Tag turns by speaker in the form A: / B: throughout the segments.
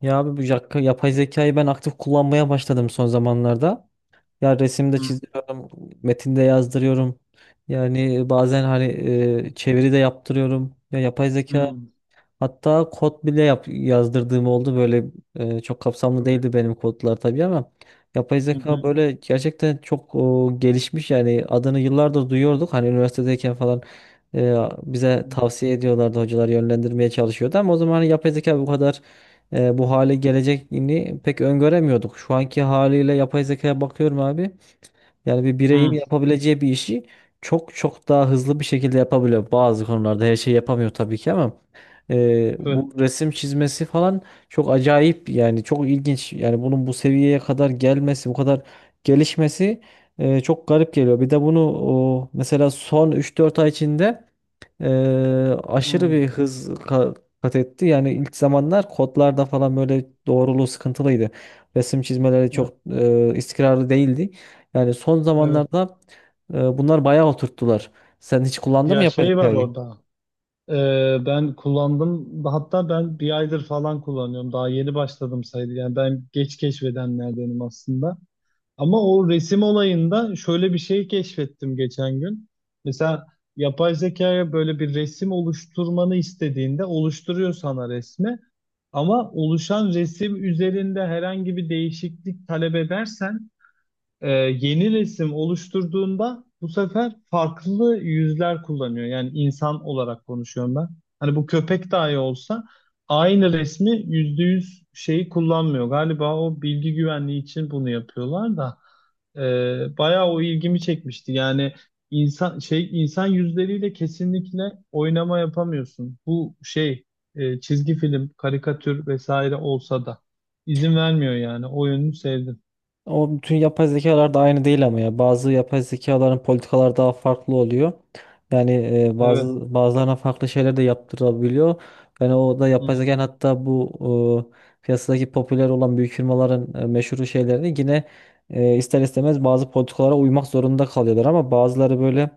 A: Ya abi yapay zekayı ben aktif kullanmaya başladım son zamanlarda. Ya resimde
B: Hı,
A: çiziyorum, metinde yazdırıyorum. Yani bazen hani çeviri de yaptırıyorum. Ya yapay zeka
B: hı,
A: hatta yazdırdığım oldu. Böyle çok kapsamlı
B: çok,
A: değildi benim kodlar tabii ama yapay
B: hı, hı,
A: zeka böyle gerçekten gelişmiş yani adını yıllardır duyuyorduk. Hani üniversitedeyken falan e, bize tavsiye ediyorlardı, hocalar yönlendirmeye çalışıyordu ama o zaman hani yapay zeka bu hale geleceğini pek öngöremiyorduk. Şu anki haliyle yapay zekaya bakıyorum abi. Yani bir bireyin
B: hı,
A: yapabileceği bir işi çok çok daha hızlı bir şekilde yapabiliyor. Bazı konularda her şeyi yapamıyor tabii ki ama
B: evet,
A: bu resim çizmesi falan çok acayip, yani çok ilginç. Yani bunun bu seviyeye kadar gelmesi, bu kadar gelişmesi çok garip geliyor. Bir de bunu mesela son üç dört ay içinde aşırı
B: hı,
A: bir hız ka- kat etti. Yani ilk zamanlar kodlarda falan böyle doğruluğu sıkıntılıydı. Resim çizmeleri
B: hı,
A: çok istikrarlı değildi. Yani son
B: evet.
A: zamanlarda bunlar bayağı oturttular. Sen hiç kullandın mı
B: Ya
A: yapay
B: şey var
A: zekayı?
B: orada. Ben kullandım. Hatta ben bir aydır falan kullanıyorum. Daha yeni başladım sayılır. Yani ben geç keşfedenlerdenim aslında. Ama o resim olayında şöyle bir şey keşfettim geçen gün. Mesela yapay zekaya böyle bir resim oluşturmanı istediğinde oluşturuyor sana resmi. Ama oluşan resim üzerinde herhangi bir değişiklik talep edersen yeni resim oluşturduğunda bu sefer farklı yüzler kullanıyor. Yani insan olarak konuşuyorum ben. Hani bu köpek dahi olsa aynı resmi %100 şeyi kullanmıyor. Galiba o bilgi güvenliği için bunu yapıyorlar da bayağı o ilgimi çekmişti. Yani insan yüzleriyle kesinlikle oynama yapamıyorsun. Bu şey, çizgi film, karikatür vesaire olsa da izin vermiyor yani. O yönünü sevdim.
A: O, bütün yapay zekalar da aynı değil ama ya bazı yapay zekaların politikalar daha farklı oluyor. Yani
B: Evet.
A: bazılarına farklı şeyler de yaptırabiliyor. Yani o da
B: Hı.
A: yapay zeka, hatta piyasadaki popüler olan büyük firmaların meşhur şeylerini yine ister istemez bazı politikalara uymak zorunda kalıyorlar ama bazıları böyle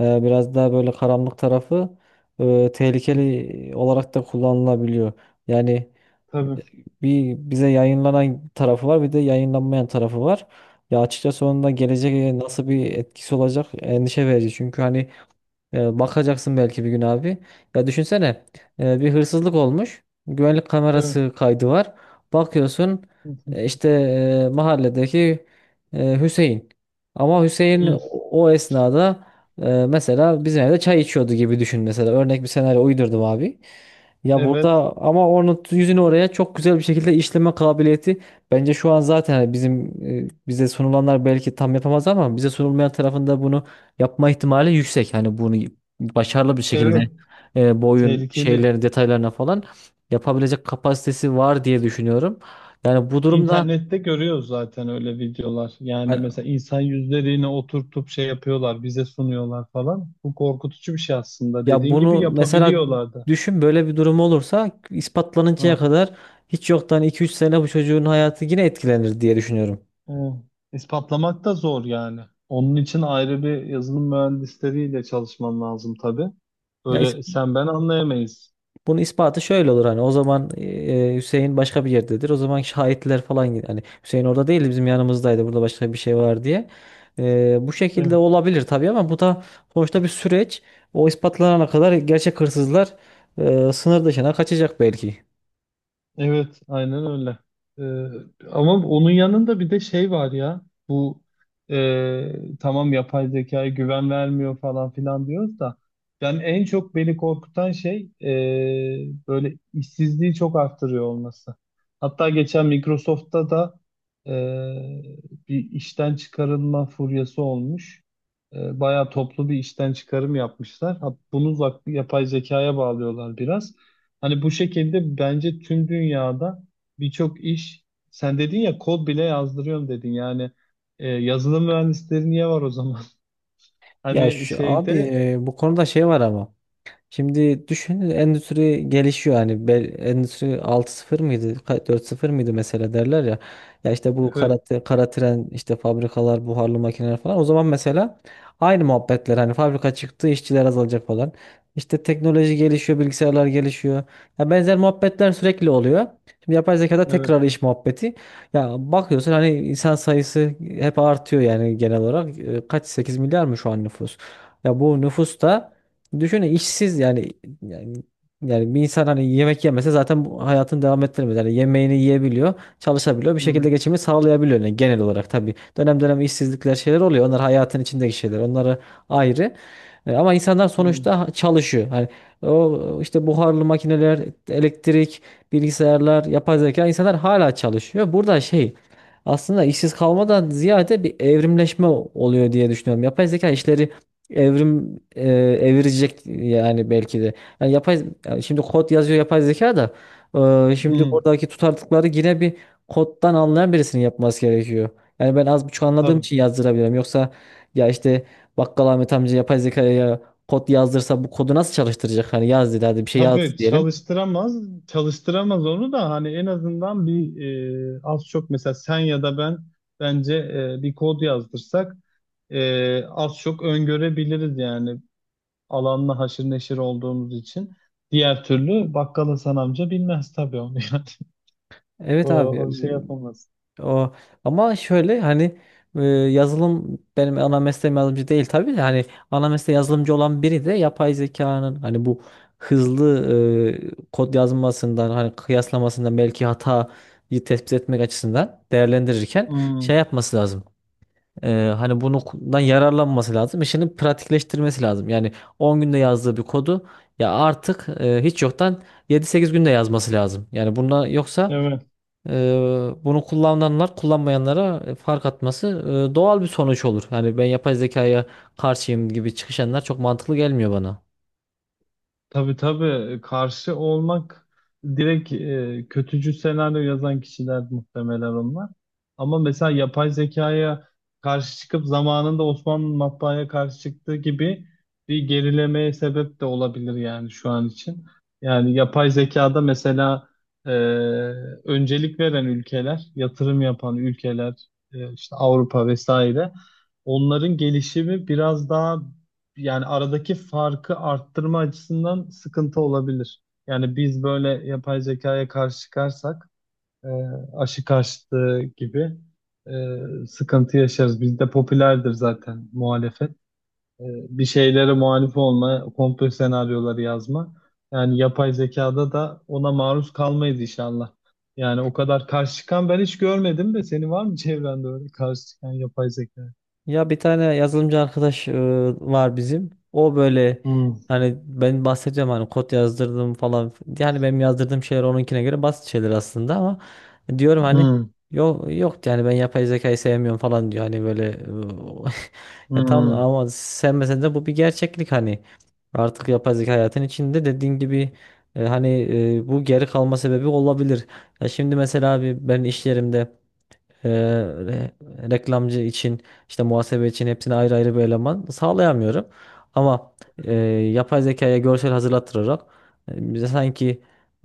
A: biraz daha böyle karanlık tarafı tehlikeli olarak da kullanılabiliyor. Yani
B: Tabii.
A: bir bize yayınlanan tarafı var, bir de yayınlanmayan tarafı var. Ya açıkçası onun da geleceğe nasıl bir etkisi olacak, endişe verici. Çünkü hani bakacaksın belki bir gün abi. Ya düşünsene, bir hırsızlık olmuş. Güvenlik
B: Evet.
A: kamerası kaydı var. Bakıyorsun
B: Hı.
A: işte mahalledeki Hüseyin. Ama Hüseyin o esnada mesela bizim evde çay içiyordu gibi düşün mesela. Örnek bir senaryo uydurdum abi. Ya burada
B: Evet.
A: ama onun yüzünü oraya çok güzel bir şekilde işleme kabiliyeti bence şu an zaten hani bize sunulanlar belki tam yapamaz ama bize sunulmayan tarafında bunu yapma ihtimali yüksek. Hani bunu başarılı bir şekilde
B: Evet.
A: bu oyun
B: Tehlikeli.
A: şeylerin detaylarına falan yapabilecek kapasitesi var diye düşünüyorum. Yani bu durumda
B: İnternette görüyoruz zaten öyle videolar. Yani
A: hani,
B: mesela insan yüzlerini oturtup şey yapıyorlar, bize sunuyorlar falan. Bu korkutucu bir şey aslında.
A: ya
B: Dediğin gibi
A: bunu mesela
B: yapabiliyorlardı.
A: düşün, böyle bir durum olursa ispatlanıncaya
B: Ha.
A: kadar hiç yoktan 2 3 sene bu çocuğun hayatı yine etkilenir diye düşünüyorum.
B: Evet. İspatlamak da zor yani. Onun için ayrı bir yazılım mühendisleriyle çalışman lazım tabii.
A: Ya
B: Öyle sen ben anlayamayız.
A: bunun ispatı şöyle olur, hani o zaman Hüseyin başka bir yerdedir. O zaman şahitler falan hani Hüseyin orada değildi, bizim yanımızdaydı, burada başka bir şey var diye. Bu şekilde
B: Evet.
A: olabilir tabii ama bu da sonuçta bir süreç. O ispatlanana kadar gerçek hırsızlar sınır dışına kaçacak belki.
B: Evet, aynen öyle. Ama onun yanında bir de şey var ya. Bu, tamam, yapay zekaya güven vermiyor falan filan diyoruz da, yani en çok beni korkutan şey böyle işsizliği çok arttırıyor olması. Hatta geçen Microsoft'ta da e, bir işten çıkarılma furyası olmuş. Bayağı toplu bir işten çıkarım yapmışlar. Ha, bunu yapay zekaya bağlıyorlar biraz. Hani bu şekilde bence tüm dünyada birçok iş, sen dedin ya kod bile yazdırıyorum dedin, yani yazılım mühendisleri niye var o zaman?
A: Ya
B: Hani
A: şu,
B: şeyde
A: bu konuda şey var ama. Şimdi düşünün, endüstri gelişiyor, hani endüstri altı sıfır dört sıfır mıydı mesela, derler ya. Ya işte
B: evet,
A: kara tren, işte fabrikalar, buharlı makineler falan, o zaman mesela aynı muhabbetler, hani fabrika çıktı, işçiler azalacak falan. İşte teknoloji gelişiyor, bilgisayarlar gelişiyor. Ya benzer muhabbetler sürekli oluyor. Şimdi yapay zekada
B: evet.
A: tekrar iş muhabbeti. Ya bakıyorsun hani insan sayısı hep artıyor yani genel olarak. E, kaç, 8 milyar mı şu an nüfus? Ya bu nüfus da düşünün, işsiz yani. Yani yani bir insan hani yemek yemese zaten bu hayatını devam ettiremez. Yani yemeğini yiyebiliyor, çalışabiliyor, bir
B: Hmm,
A: şekilde geçimini sağlayabiliyor yani genel olarak tabii. Dönem dönem işsizlikler, şeyler oluyor. Onlar hayatın içindeki şeyler. Onları ayrı. E, ama insanlar
B: hmm,
A: sonuçta çalışıyor. Hani o işte buharlı makineler, elektrik, bilgisayarlar, yapay zeka, insanlar hala çalışıyor. Burada şey, aslında işsiz kalmadan ziyade bir evrimleşme oluyor diye düşünüyorum. Yapay zeka işleri evrim e, evirecek yani belki de. Yani yani şimdi kod yazıyor yapay zeka da şimdi
B: hmm,
A: buradaki tutarlılıkları yine bir koddan anlayan birisinin yapması gerekiyor. Yani ben az buçuk anladığım
B: tabii,
A: için yazdırabilirim. Yoksa ya işte bakkal Ahmet amca yapay zekaya kod yazdırsa bu kodu nasıl çalıştıracak? Hani yaz dedi, hadi bir şey
B: tabii,
A: yaz diyelim.
B: çalıştıramaz, çalıştıramaz onu da. Hani en azından bir az çok mesela sen ya da ben bence bir kod yazdırsak az çok öngörebiliriz, yani alanla haşır neşir olduğumuz için. Diğer türlü bakkal Hasan amca bilmez tabii onu, yani.
A: Evet
B: O,
A: abi
B: o şey yapamaz.
A: o, ama şöyle hani yazılım benim ana mesleğim, yazılımcı değil tabii de, hani ana mesleği yazılımcı olan biri de yapay zekanın hani bu hızlı kod yazmasından, hani kıyaslamasından belki hatayı tespit etmek açısından değerlendirirken şey
B: Hmm,
A: yapması lazım. E, hani bundan yararlanması lazım. İşini pratikleştirmesi lazım. Yani 10 günde yazdığı bir kodu ya artık hiç yoktan 7-8 günde yazması lazım. Yani buna, yoksa
B: evet.
A: Bunu kullananlar kullanmayanlara fark atması doğal bir sonuç olur. Yani ben yapay zekaya karşıyım gibi çıkışanlar çok mantıklı gelmiyor bana.
B: Tabii, tabii, karşı olmak, direkt kötücül senaryo yazan kişiler muhtemelen onlar. Ama mesela yapay zekaya karşı çıkıp, zamanında Osmanlı matbaaya karşı çıktığı gibi, bir gerilemeye sebep de olabilir yani şu an için. Yani yapay zekada mesela e, öncelik veren ülkeler, yatırım yapan ülkeler, işte Avrupa vesaire, onların gelişimi biraz daha, yani aradaki farkı arttırma açısından sıkıntı olabilir. Yani biz böyle yapay zekaya karşı çıkarsak e, aşı karşıtı gibi sıkıntı yaşarız. Bizde popülerdir zaten muhalefet. E, Bir şeylere muhalif olma, komplo senaryoları yazma. Yani yapay zekada da ona maruz kalmayız inşallah. Yani o kadar karşı çıkan ben hiç görmedim de, senin var mı çevrende öyle karşı çıkan, yapay zeka?
A: Ya bir tane yazılımcı arkadaş var bizim. O böyle,
B: Hmm,
A: hani ben bahsedeceğim hani kod yazdırdım falan. Yani benim yazdırdığım şeyler onunkine göre basit şeyler aslında ama diyorum hani,
B: hmm,
A: yok yok, yani ben yapay zekayı sevmiyorum falan diyor. Hani böyle ya tam,
B: hmm.
A: ama sevmesen de bu bir gerçeklik hani. Artık yapay zeka hayatın içinde dediğin gibi, e, hani bu geri kalma sebebi olabilir. Ya şimdi mesela abi ben iş yerimde reklamcı için, işte muhasebe için hepsini ayrı ayrı bir eleman sağlayamıyorum. Ama e, yapay zekaya görsel hazırlattırarak bize sanki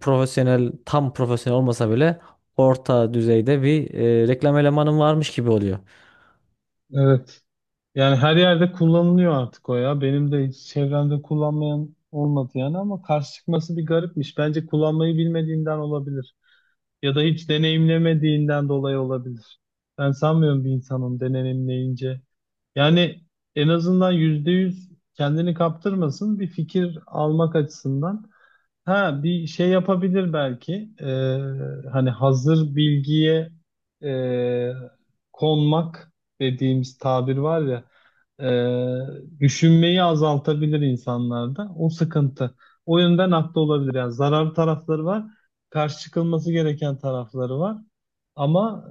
A: tam profesyonel olmasa bile orta düzeyde bir reklam elemanım varmış gibi oluyor.
B: Evet. Yani her yerde kullanılıyor artık o ya. Benim de hiç çevremde kullanmayan olmadı yani, ama karşı çıkması bir garipmiş. Bence kullanmayı bilmediğinden olabilir. Ya da hiç deneyimlemediğinden dolayı olabilir. Ben sanmıyorum bir insanın deneyimleyince. Yani en azından %100 kendini kaptırmasın, bir fikir almak açısından. Ha, bir şey yapabilir belki. Hani hazır bilgiye e, konmak dediğimiz tabir var ya, düşünmeyi azaltabilir insanlarda. O sıkıntı. O yönden haklı olabilir. Yani zararlı tarafları var. Karşı çıkılması gereken tarafları var. Ama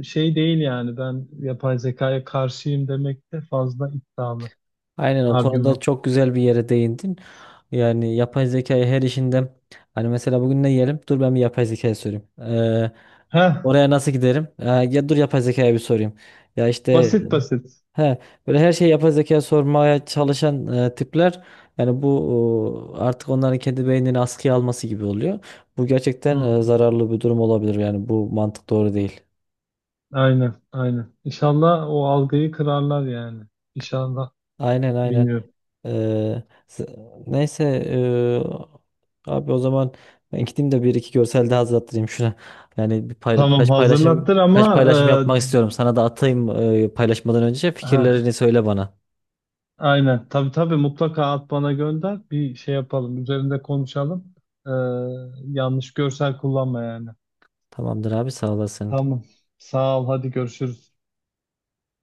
B: şey değil yani, ben yapay zekaya karşıyım demek de fazla iddialı
A: Aynen, o konuda
B: argüman.
A: çok güzel bir yere değindin. Yani yapay zekayı her işinde, hani mesela bugün ne yiyelim? Dur ben bir yapay zekaya sorayım.
B: Heh,
A: Oraya nasıl giderim? Ha, ya dur yapay zekaya bir sorayım. Ya işte
B: basit basit.
A: he, böyle her şeyi yapay zekaya sormaya çalışan tipler, yani bu artık onların kendi beynini askıya alması gibi oluyor. Bu gerçekten
B: Hı,
A: zararlı bir durum olabilir. Yani bu mantık doğru değil.
B: aynen, aynen. İnşallah o algıyı kırarlar yani. İnşallah.
A: Aynen aynen.
B: Bilmiyorum.
A: Ee, s- neyse abi o zaman ben gideyim de bir iki görsel daha hazırlattırayım şuna. Yani
B: Tamam, hazırlattır
A: birkaç
B: ama
A: paylaşım yapmak istiyorum. Sana da atayım paylaşmadan önce
B: e, ha,
A: fikirlerini söyle bana.
B: aynen. Tabii, tabii, mutlaka at bana, gönder. Bir şey yapalım. Üzerinde konuşalım. E, Yanlış görsel kullanma yani.
A: Tamamdır abi, sağ olasın.
B: Tamam. Sağ ol. Hadi görüşürüz.